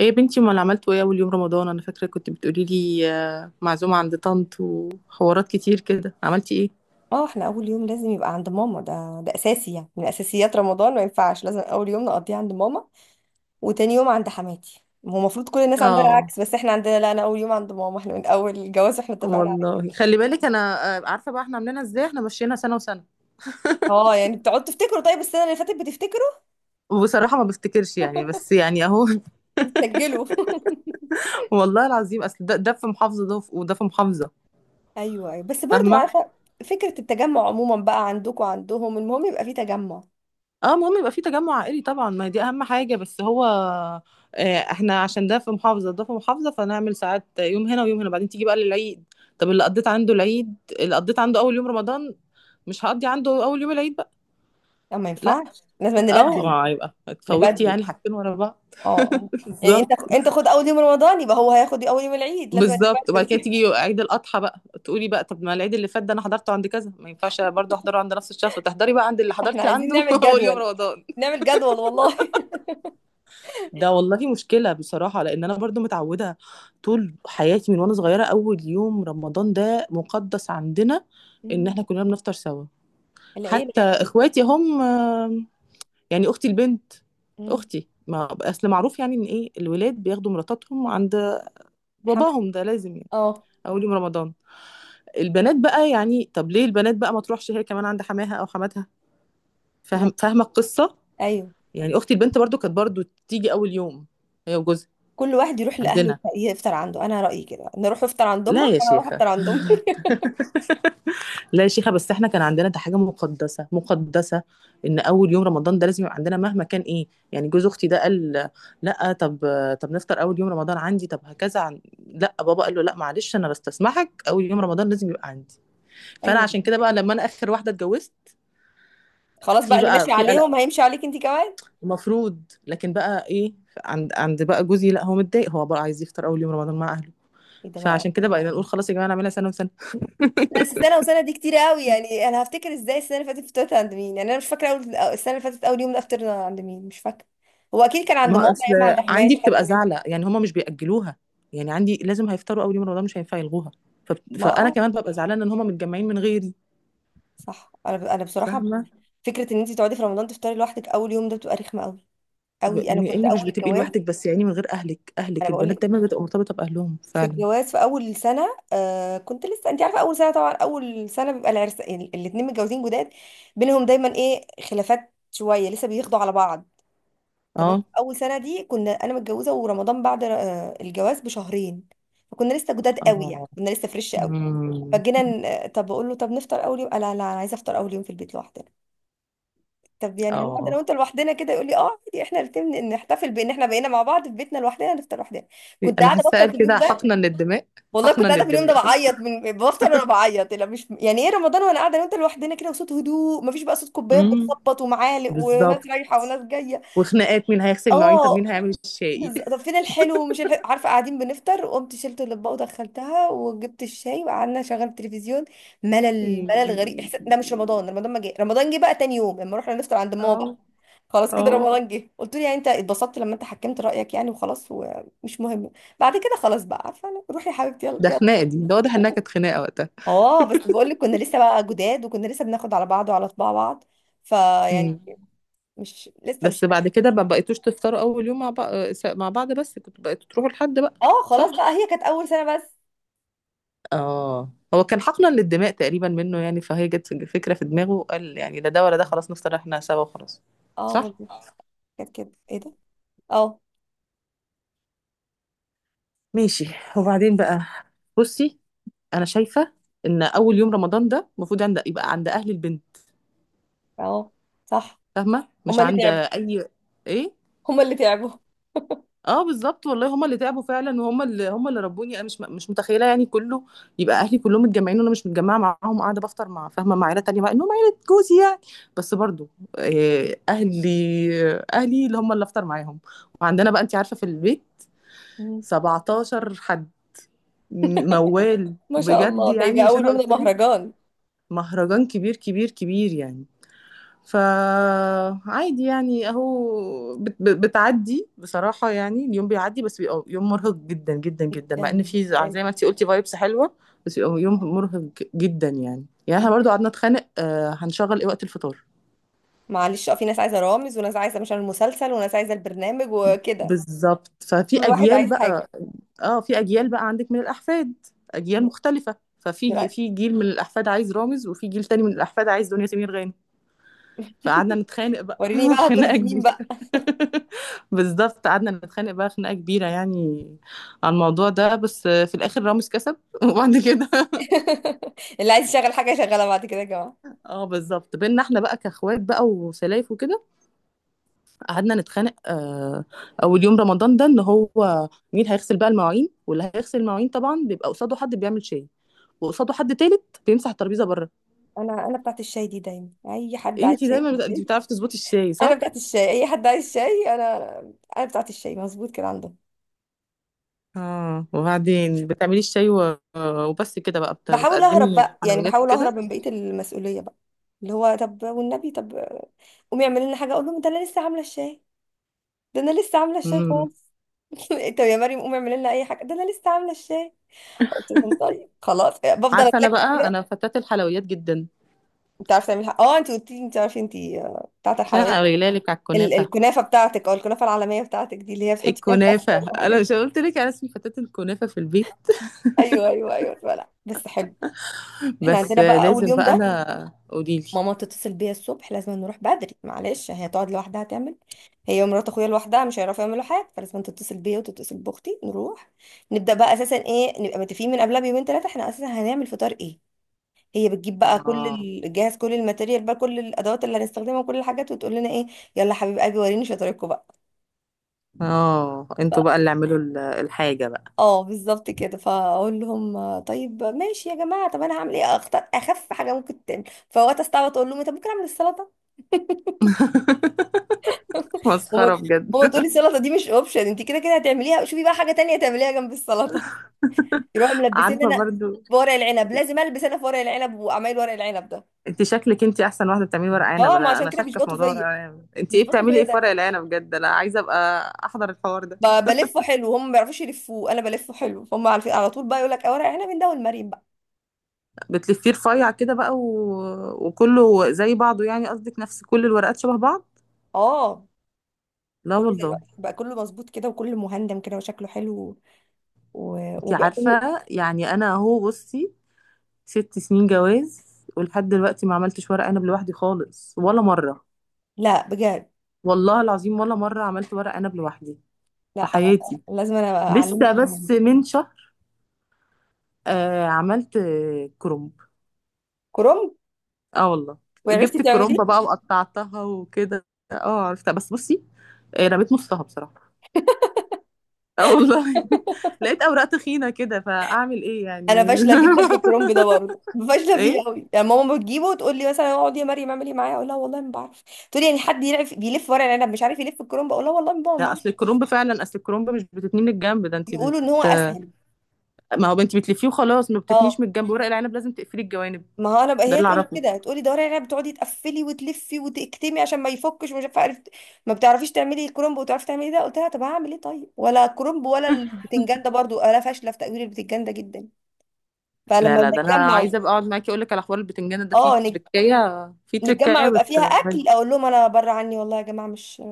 ايه يا بنتي، امال عملتوا ايه اول يوم رمضان؟ انا فاكره كنت بتقولي لي معزومه عند طنط وحوارات كتير كده. عملتي ايه؟ اه، احنا اول يوم لازم يبقى عند ماما. ده اساسي يعني، من اساسيات رمضان، ما ينفعش. لازم اول يوم نقضيه عند ماما وتاني يوم عند حماتي. هو المفروض كل الناس عندها اه، العكس، بس احنا عندنا لا. انا اول يوم عند ماما، احنا من اول الجواز احنا اتفقنا على كده. والله خلي بالك انا. عارفه بقى احنا عاملينها ازاي، احنا مشينا سنه وسنه. اه يعني بتقعدوا تفتكروا؟ طيب السنه اللي فاتت بتفتكروا؟ وبصراحه ما بفتكرش يعني، بس يعني اهو. بتسجلوا؟ والله العظيم، اصل ده في محافظه، ده وده في محافظه. ايوه ايوه، بس برضو فاهمه. عارفه. فكره التجمع عموما بقى، عندكم وعندهم المهم يبقى في تجمع. اه، المهم يبقى في تجمع عائلي طبعا، ما دي اهم حاجه. بس هو احنا عشان ده في محافظه ده في محافظه، فنعمل ساعات يوم هنا ويوم هنا. بعدين تيجي بقى للعيد. طب اللي قضيت عنده العيد، اللي قضيت عنده اول يوم رمضان، مش هقضي عنده اول يوم العيد بقى. لا ما لا، ينفعش، لازم اه نبدل. ما هيبقى اتفوتي نبدل يعني حاجتين ورا بعض. اه اه. يعني بالظبط. انت خد اول يوم رمضان، يبقى هو هياخد اول يوم العيد لازم. بالظبط، وبعد كده نبدل. تيجي عيد الاضحى بقى، تقولي بقى طب ما العيد اللي فات ده انا حضرته عند كذا، ما ينفعش برضه احضره عند نفس الشخص. تحضري بقى عند اللي احنا حضرتي عايزين عنده نعمل اول يوم جدول. رمضان. نعمل جدول والله. ده والله مشكلة بصراحة، لأن أنا برضو متعودة طول حياتي من وأنا صغيرة أول يوم رمضان ده مقدس عندنا، إن مم. إحنا كلنا بنفطر سوا. العيلة حتى يعني. إخواتي هم يعني أختي البنت، مم. أختي ما أصل معروف يعني إن إيه الولاد بياخدوا مراتاتهم عند حمد. باباهم، ده لازم يعني اه. أول يوم رمضان. البنات بقى يعني، طب ليه البنات بقى ما تروحش هي كمان عند حماها أو حماتها؟ لا. فاهم، فاهمة القصة. ايوه. يعني أختي البنت برضو كانت برضو تيجي أول يوم هي وجوزها كل واحد يروح لاهله عندنا. يفطر عنده، انا رايي كده، نروح افطر عند لا يا امك وانا اروح شيخة، افطر عند امي. لا يا شيخة، بس احنا كان عندنا ده حاجة مقدسة مقدسة، ان اول يوم رمضان ده لازم يبقى عندنا مهما كان ايه. يعني جوز اختي ده قال لا، طب طب نفطر اول يوم رمضان عندي، طب هكذا عن... لا، بابا قال له لا معلش، انا بستسمحك، اول يوم رمضان لازم يبقى عندي. فانا ايوه. عشان كده بقى لما انا اخر واحدة اتجوزت، خلاص في بقى، اللي ماشي بقى في قلق عليهم هيمشي عليك انت كمان. المفروض، لكن بقى ايه، عند بقى جوزي لا هو متضايق، هو بقى عايز يفطر اول يوم رمضان مع اهله. ايه ده بقى؟ فعشان كده بقى نقول خلاص يا جماعة، نعملها سنة وسنة. لا بس سنه وسنه دي كتير قوي، يعني انا هفتكر ازاي السنه اللي فاتت فطرت عند مين؟ يعني انا مش فاكره، اول السنه اللي فاتت اول يوم ده فطرنا عند مين مش فاكره. هو اكيد كان عند ماما، ما اصل يا اما عند اه عندي حماتي، حد بتبقى منهم. زعلة، يعني هما مش بيأجلوها. يعني عندي لازم هيفطروا أول يوم رمضان، مش هينفع يلغوها. ف... ما فأنا اه، كمان ببقى زعلانة إن هما متجمعين من غيري. صح. انا بصراحه، فاهمة، فكره ان انت تقعدي في رمضان تفطري لوحدك اول يوم ده بتبقى رخمه قوي قوي. انا بما كنت إنك مش اول بتبقي الجواز، لوحدك، بس يعني من غير أهلك، انا أهلك بقول البنات لك، دايما بتبقى مرتبطة بأهلهم في فعلا. الجواز في اول سنه كنت لسه، انت عارفه اول سنه طبعا، اول سنه بيبقى العرس، يعني الاثنين متجوزين جداد، بينهم دايما ايه خلافات شويه لسه بياخدوا على بعض. تمام. اه، اول سنه دي كنا، انا متجوزه ورمضان بعد الجواز بشهرين، فكنا لسه جداد قوي، يعني اه. كنا لسه فريش قوي. أمم. فجينا طب بقول له طب نفطر اول يوم، قال لا لا، انا عايزه افطر اول يوم في البيت لوحدي. طب يعني هنقعد انا اه، وانت لوحدنا كده؟ يقول لي اه عادي، احنا الاثنين نحتفل بان احنا بقينا مع بعض في بيتنا لوحدنا نفطر لوحدنا. كنت أنا قاعده حاسة بفطر في اليوم كده ده، حقنا للدماء. والله حقنا كنت قاعده في اليوم ده للدماء، صح؟ بعيط، من بفطر وانا بعيط. لا مش يعني ايه، رمضان وانا قاعده انا وانت لوحدنا كده، وصوت هدوء، مفيش بقى صوت كوبايات امم. بتخبط ومعالق وناس بالظبط. رايحه وناس جايه. وخناقات مين هيغسل المواعين، طب مين اه. هيعمل الشاي؟ طب فين الحلو ومش الحلو؟ عارفه، قاعدين بنفطر، وقمت شلت الاطباق ودخلتها وجبت الشاي وقعدنا شغلت التلفزيون. ملل ملل، غريب أمم. احساس ده، مش رمضان. رمضان ما جه، رمضان جه بقى تاني يوم لما رحنا نفطر عند ماما. اه، خلاص اه. كده رمضان جه. قلت له يعني انت اتبسطت لما انت حكمت رأيك يعني؟ وخلاص ومش مهم. بعد كده خلاص بقى، عارفه انا، روحي يا حبيبتي يلا ده يلا. خناقه دي، ده واضح انها كانت خناقه وقتها. اه بس بقول لك كنا لسه بقى جداد، وكنا لسه بناخد على بعض وعلى طباع بعض. فيعني، امم. مش لسه مش. بس بعد كده ما بقيتوش تفطروا اول يوم مع بعض، مع بعض بس كنتوا بقيتوا تروحوا لحد بقى. اه خلاص صح. بقى، هي كانت اول سنة بس. اه، هو كان حقنا للدماء تقريبا منه يعني، فهي جت فكره في دماغه قال يعني لا ده ولا ده، خلاص نفطر احنا سوا وخلاص. اه صح. والله. كانت كده، ايه ده. اه ماشي. وبعدين بقى بصي، انا شايفه ان اول يوم رمضان ده المفروض عند، يبقى عند اهل البنت. اه. صح، فاهمه، مش هما اللي عند تعبوا، اي. ايه. هما اللي تعبوا. اه بالظبط والله، هما اللي تعبوا فعلا، وهما اللي هما اللي ربوني انا مش متخيله يعني كله يبقى اهلي كلهم متجمعين وانا مش متجمعه معاهم، قاعده بفطر مع، فاهمه، مع عيله تانية مع انهم عيله جوزي يعني. بس برضو آه، اهلي اهلي اللي هما اللي افطر معاهم. وعندنا بقى انت عارفه في البيت مم. 17 حد، موال ما شاء بجد الله، ده يعني. يبقى مش اول انا يوم ده قلت لك؟ مهرجان. مهرجان كبير كبير كبير يعني. فعادي يعني اهو، بتعدي بصراحة يعني، اليوم بيعدي بس بيبقى يوم مرهق جدا جدا جدا، مع ان جدا، في زي ما انتي قلتي فايبس حلوة. بس بيبقى يوم جدا. مرهق جدا يعني احنا برضو قعدنا نتخانق هنشغل ايه وقت الفطار. معلش، اه في ناس عايزه رامز، وناس عايزه مش عارف المسلسل، وناس عايزه البرنامج، وكده. بالظبط. ففي كل واحد اجيال عايز بقى. حاجه. اه، في اجيال بقى عندك من الاحفاد، اجيال مختلفة، ففي لا، في جيل من الاحفاد عايز رامز، وفي جيل تاني من الاحفاد عايز دنيا سمير غانم. فقعدنا نتخانق بقى وريني بقى خناقة هترضي مين كبيرة. بقى. بالظبط، قعدنا نتخانق بقى خناقة كبيرة يعني على الموضوع ده، بس في الآخر رامز كسب. وبعد كده اللي عايز يشغل حاجه يشغلها بعد كده يا جماعه. اه بالظبط بينا احنا بقى كاخوات بقى وسلايف وكده. قعدنا نتخانق اول يوم رمضان ده ان هو مين هيغسل بقى المواعين، واللي هيغسل المواعين طبعا بيبقى قصاده حد بيعمل شاي، وقصاده حد تالت بيمسح الترابيزه بره. انا، انا بتاعت الشاي دي دايما، اي حد عايز انتي شاي دايما انتي بتعرفي تظبطي الشاي انا صح؟ بتاعت الشاي، اي حد عايز شاي انا. انا بتاعت الشاي، مظبوط كده عندهم. اه، وبعدين بتعملي الشاي و... وبس كده بقى بحاول اهرب بتقدمي بقى، يعني حلويات بحاول اهرب وكده. من بقيه المسؤوليه بقى، اللي هو طب والنبي، طب قومي اعملي لنا حاجه. اقول لهم ده انا لسه عامله الشاي، ده انا لسه عامله الشاي امم. خالص. طب يا مريم قومي اعملي لنا اي حاجه، ده انا لسه عامله الشاي. قلت لهم طيب خلاص، بفضل عارفه انا اتلكك بقى كده. انا فتاة الحلويات جدا. انت عارفه تعملي حاجه، اه انت قلت لي انت عارفه انت، بتاعه مش انا الحلويات. قايله لك على الكنافه؟ الكنافه بتاعتك، او الكنافه العالميه بتاعتك دي، اللي هي بتحطي فيها كاستر الكنافه، وحاجات انا مش دي. قلت لك انا اسمي فتاة الكنافه في البيت؟ ايوه ايوه ايوه، لا لا، بس حلو. احنا بس عندنا بقى اول لازم يوم بقى ده، انا قولي لي. ماما تتصل بيا الصبح لازم نروح بدري، معلش هي تقعد لوحدها تعمل، هي ومرات اخويا لوحدها مش هيعرفوا يعملوا حاجه، فلازم تتصل بيا وتتصل باختي نروح. نبدا بقى اساسا ايه، نبقى متفقين من قبلها بيومين ثلاثه احنا اساسا هنعمل فطار ايه. هي بتجيب بقى كل اه، جاهز، كل الماتيريال بقى، كل الادوات اللي هنستخدمها، وكل الحاجات، وتقول لنا ايه، يلا حبيب قلبي وريني شطارتكم بقى. اه. انتوا بقى اللي اعملوا الحاجه بقى. اه بالظبط كده، فاقول لهم طيب ماشي يا جماعه، طب انا هعمل ايه، اختار اخف حاجه ممكن تعمل. فوقت استعبط اقول لهم إيه، طب ممكن اعمل السلطه. هما مسخره بجد. هما تقولي السلطه دي مش اوبشن، انت كده كده هتعمليها، شوفي بقى حاجه تانية تعمليها جنب السلطه. يروحوا ملبسين عارفه انا برضو. في ورق العنب، لازم البس انا في ورق العنب وعمايل ورق العنب ده. انت شكلك انت احسن واحده بتعملي ورق عنب، اه ما انا عشان انا كده شاكه في بيشبطوا موضوع ورق فيا. العنب. انت ايه بيشبطوا بتعملي فيا ايه في ورق ده، العنب بجد؟ انا عايزه ابقى احضر الحوار ده. بلفه حلو، هم ما بيعرفوش يلفوه، انا بلفه حلو، فهم عارفين على طول بقى، يقول لك اه ورق العنب من ده والمريم بقى. بتلفيه رفيع كده بقى و... وكله زي بعضه يعني، قصدك نفس كل الورقات شبه بعض. اه لا كله زي والله. بقى، كله مظبوط كده وكله مهندم كده وشكله حلو. و... انت وبقى كله. عارفه يعني انا اهو بصي، ست سنين جواز ولحد دلوقتي ما عملتش ورق عنب لوحدي خالص ولا مره. لا بجد. والله العظيم ولا مره عملت ورق عنب لوحدي في لا حياتي. لازم انا لسه اعلمك بس المهم. من شهر عملت كرنب. كرنب. اه والله. وعرفتي جبت تعمليه؟ الكرومبة بقى وقطعتها وكده. اه عرفتها. بس بصي، رميت نصها بصراحة. اه والله لقيت اوراق تخينة كده، فاعمل ايه انا يعني؟ فاشله جدا في الكرنب ده برضه، فاشله ايه. فيه قوي، يعني ماما بتجيبه وتقول لي مثلا اقعد يا مريم اعملي معايا، اقول لها والله ما بعرف. تقول لي يعني حد يعرف بيلف ورق العنب مش عارف يلف الكرنب؟ اقول لها والله ما بعرف، ما لا أعرف. اصل الكرومب فعلا، اصل الكرومب مش بتتني من الجنب، ده انت يقولوا ان هو بت. اسهل. ما هو انت بتلفيه وخلاص، ما بتتنيش اه من الجنب، ورق العنب لازم تقفلي الجوانب. ما هو انا بقى، ده هي اللي تقول لي اعرفه. كده، تقول لي ده ورق العنب بتقعدي تقفلي وتلفي وتكتمي عشان ما يفكش ومش عارفه، عرفت، ما بتعرفيش تعملي الكرنب وتعرفي تعملي ده. قلت لها طب هعمل ايه؟ طيب، ولا الكرنب ولا البتنجان ده برضه انا فاشله في تقوير البتنجان ده جدا. لا فلما لا، ده انا نتجمع، عايزه ابقى اقعد معاكي اقول لك على حوار البتنجان ده، فيه اه تركايه، فيه نتجمع تركايه ويبقى بت. فيها اكل، اقول لهم انا بره عني والله يا جماعه، مش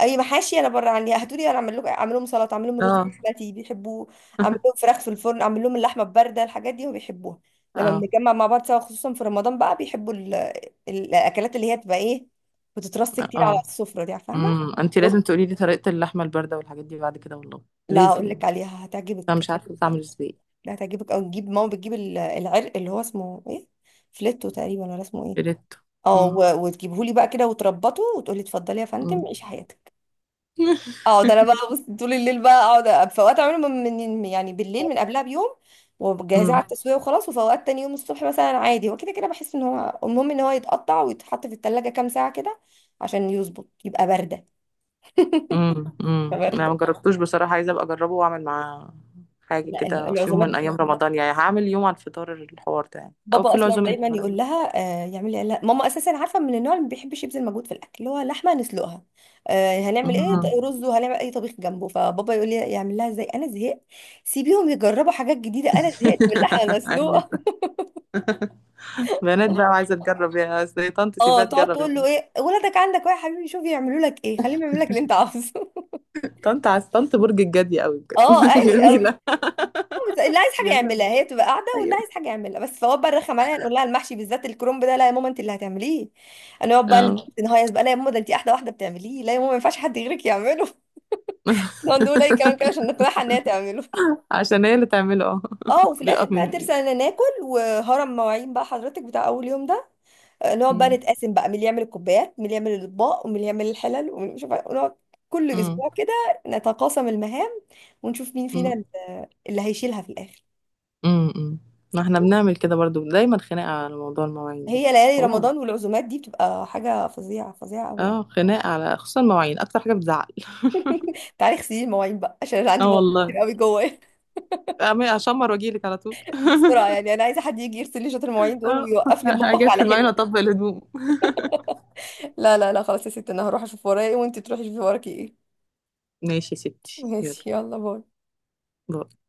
اي محاشي، انا بره عني، هاتوا لي انا اعمل لكم، اعمل لهم سلطه، اعمل لهم رز اه. بسمتي بيحبوه، اعمل لهم فراخ في الفرن، اعمل لهم اللحمه البارده، الحاجات دي وبيحبوها. لما اه، بنتجمع مع بعض سوا خصوصا في رمضان بقى، بيحبوا ال... الاكلات اللي هي بتبقى ايه، بتترص كتير على اه. السفره دي، فاهمه. امم. انت رز، لازم تقولي لي طريقة اللحمة الباردة والحاجات دي بعد كده والله. لا لازم. هقول لك عليها انا هتعجبك، مش عارفة هتعجبك بتعمل قوي. ازاي. لا هتعجبك قوي. نجيب ماما بتجيب العرق اللي هو اسمه ايه، فليتو تقريبا، ولا اسمه ايه. بريتو. اه، امم. وتجيبهولي بقى كده وتربطه وتقولي اتفضلي يا فندم امم. عيشي حياتك. اه ده انا بقى بص، طول الليل بقى اقعد، في اوقات اعمله يعني بالليل من قبلها بيوم، وجاهزاه على امم. التسويه وخلاص. وفي اوقات تاني يوم الصبح مثلا عادي، هو كده كده بحس ان هو المهم ان هو يتقطع ويتحط في التلاجة كام ساعه كده عشان يظبط يبقى بارده. امم. يبقى أمم. انا بارده. ما جربتوش بصراحة، عايزة ابقى اجربه واعمل معاه حاجة لا كده في يوم من العزومات، ايام رمضان يعني، هعمل يوم على الفطار الحوار ده يعني، او بابا في اصلا العزومة دايما يقول النهاردة. لها، آه يعملي، لا ماما اساسا عارفه من النوع اللي ما بيحبش يبذل مجهود في الاكل، اللي هو لحمه نسلقها، هنعمل ايه، أمم. رز، وهنعمل اي طبيخ جنبه، فبابا يقول لي يعمل لها ازاي، انا زهقت، سيبيهم يجربوا حاجات جديده، انا زهقت من اللحمه أيوة. المسلوقه. بنات بقى عايزة تجرب، يا أصل طنط اه سيبها تقعد تجرب يا تقول له طنط. ايه ولادك، عندك ايه يا حبيبي، شوف يعملوا لك ايه، خليهم يعملوا لك اللي انت عاوزه. طنط، عايز طنط برج الجدي قوي اه بجد. ايوه قوي. جميلة. بس اللي عايز حاجه جميلة. يعملها هي بتبقى قاعده، واللي أيوة. عايز حاجه يعملها بس، فهو بقى الرخم عليها، نقول لها المحشي بالذات الكرنب ده لا يا ماما انت اللي هتعمليه. هنقعد بقى اه، نهيص بقى، لا يا ماما ده انت احلى واحده بتعمليه، لا يا ماما ما ينفعش حد غيرك يعمله. نقعد نقول اي كلام كده عشان نقنعها ان هي تعمله. عشان هي اللي تعمله. اه، اه، وفي الاخر بيقف بقى من. ترسل، انا ناكل وهرم مواعين بقى حضرتك، بتاع اول يوم ده. نقعد بقى مم. نتقاسم بقى مين اللي يعمل الكوبايات، مين اللي يعمل الاطباق، ومين اللي يعمل الحلل، ومين مش عارفة- ونقعد كل مم. اسبوع كده نتقاسم المهام، ونشوف مين فينا مم. اللي هيشيلها في الاخر. مم. مم. ما احنا بنعمل كده برضو، دايما خناقة على موضوع المواعين ده. هي ليالي اه. رمضان والعزومات دي بتبقى حاجة فظيعة فظيعة قوي يعني. اه، خناقة على خصوصا المواعين اكتر حاجة بتزعل. تعالي اغسلي المواعين بقى عشان انا عندي اه مواعين كتير والله. قوي جوايا. اشمر واجيلك على طول. بسرعة يعني، انا عايزة حد يجي يغسل لي شوية المواعين دول اه، ويوقف لي المطبخ اجي في على المواعين حلو كده. واطبق الهدوم. لا لا لا، خلاص يا ستي، انا هروح اشوف ورايا ايه وانتي تروحي تشوفي وراكي ايه. ماشي يا ستي، يلا. ماشي يلا، باي باي.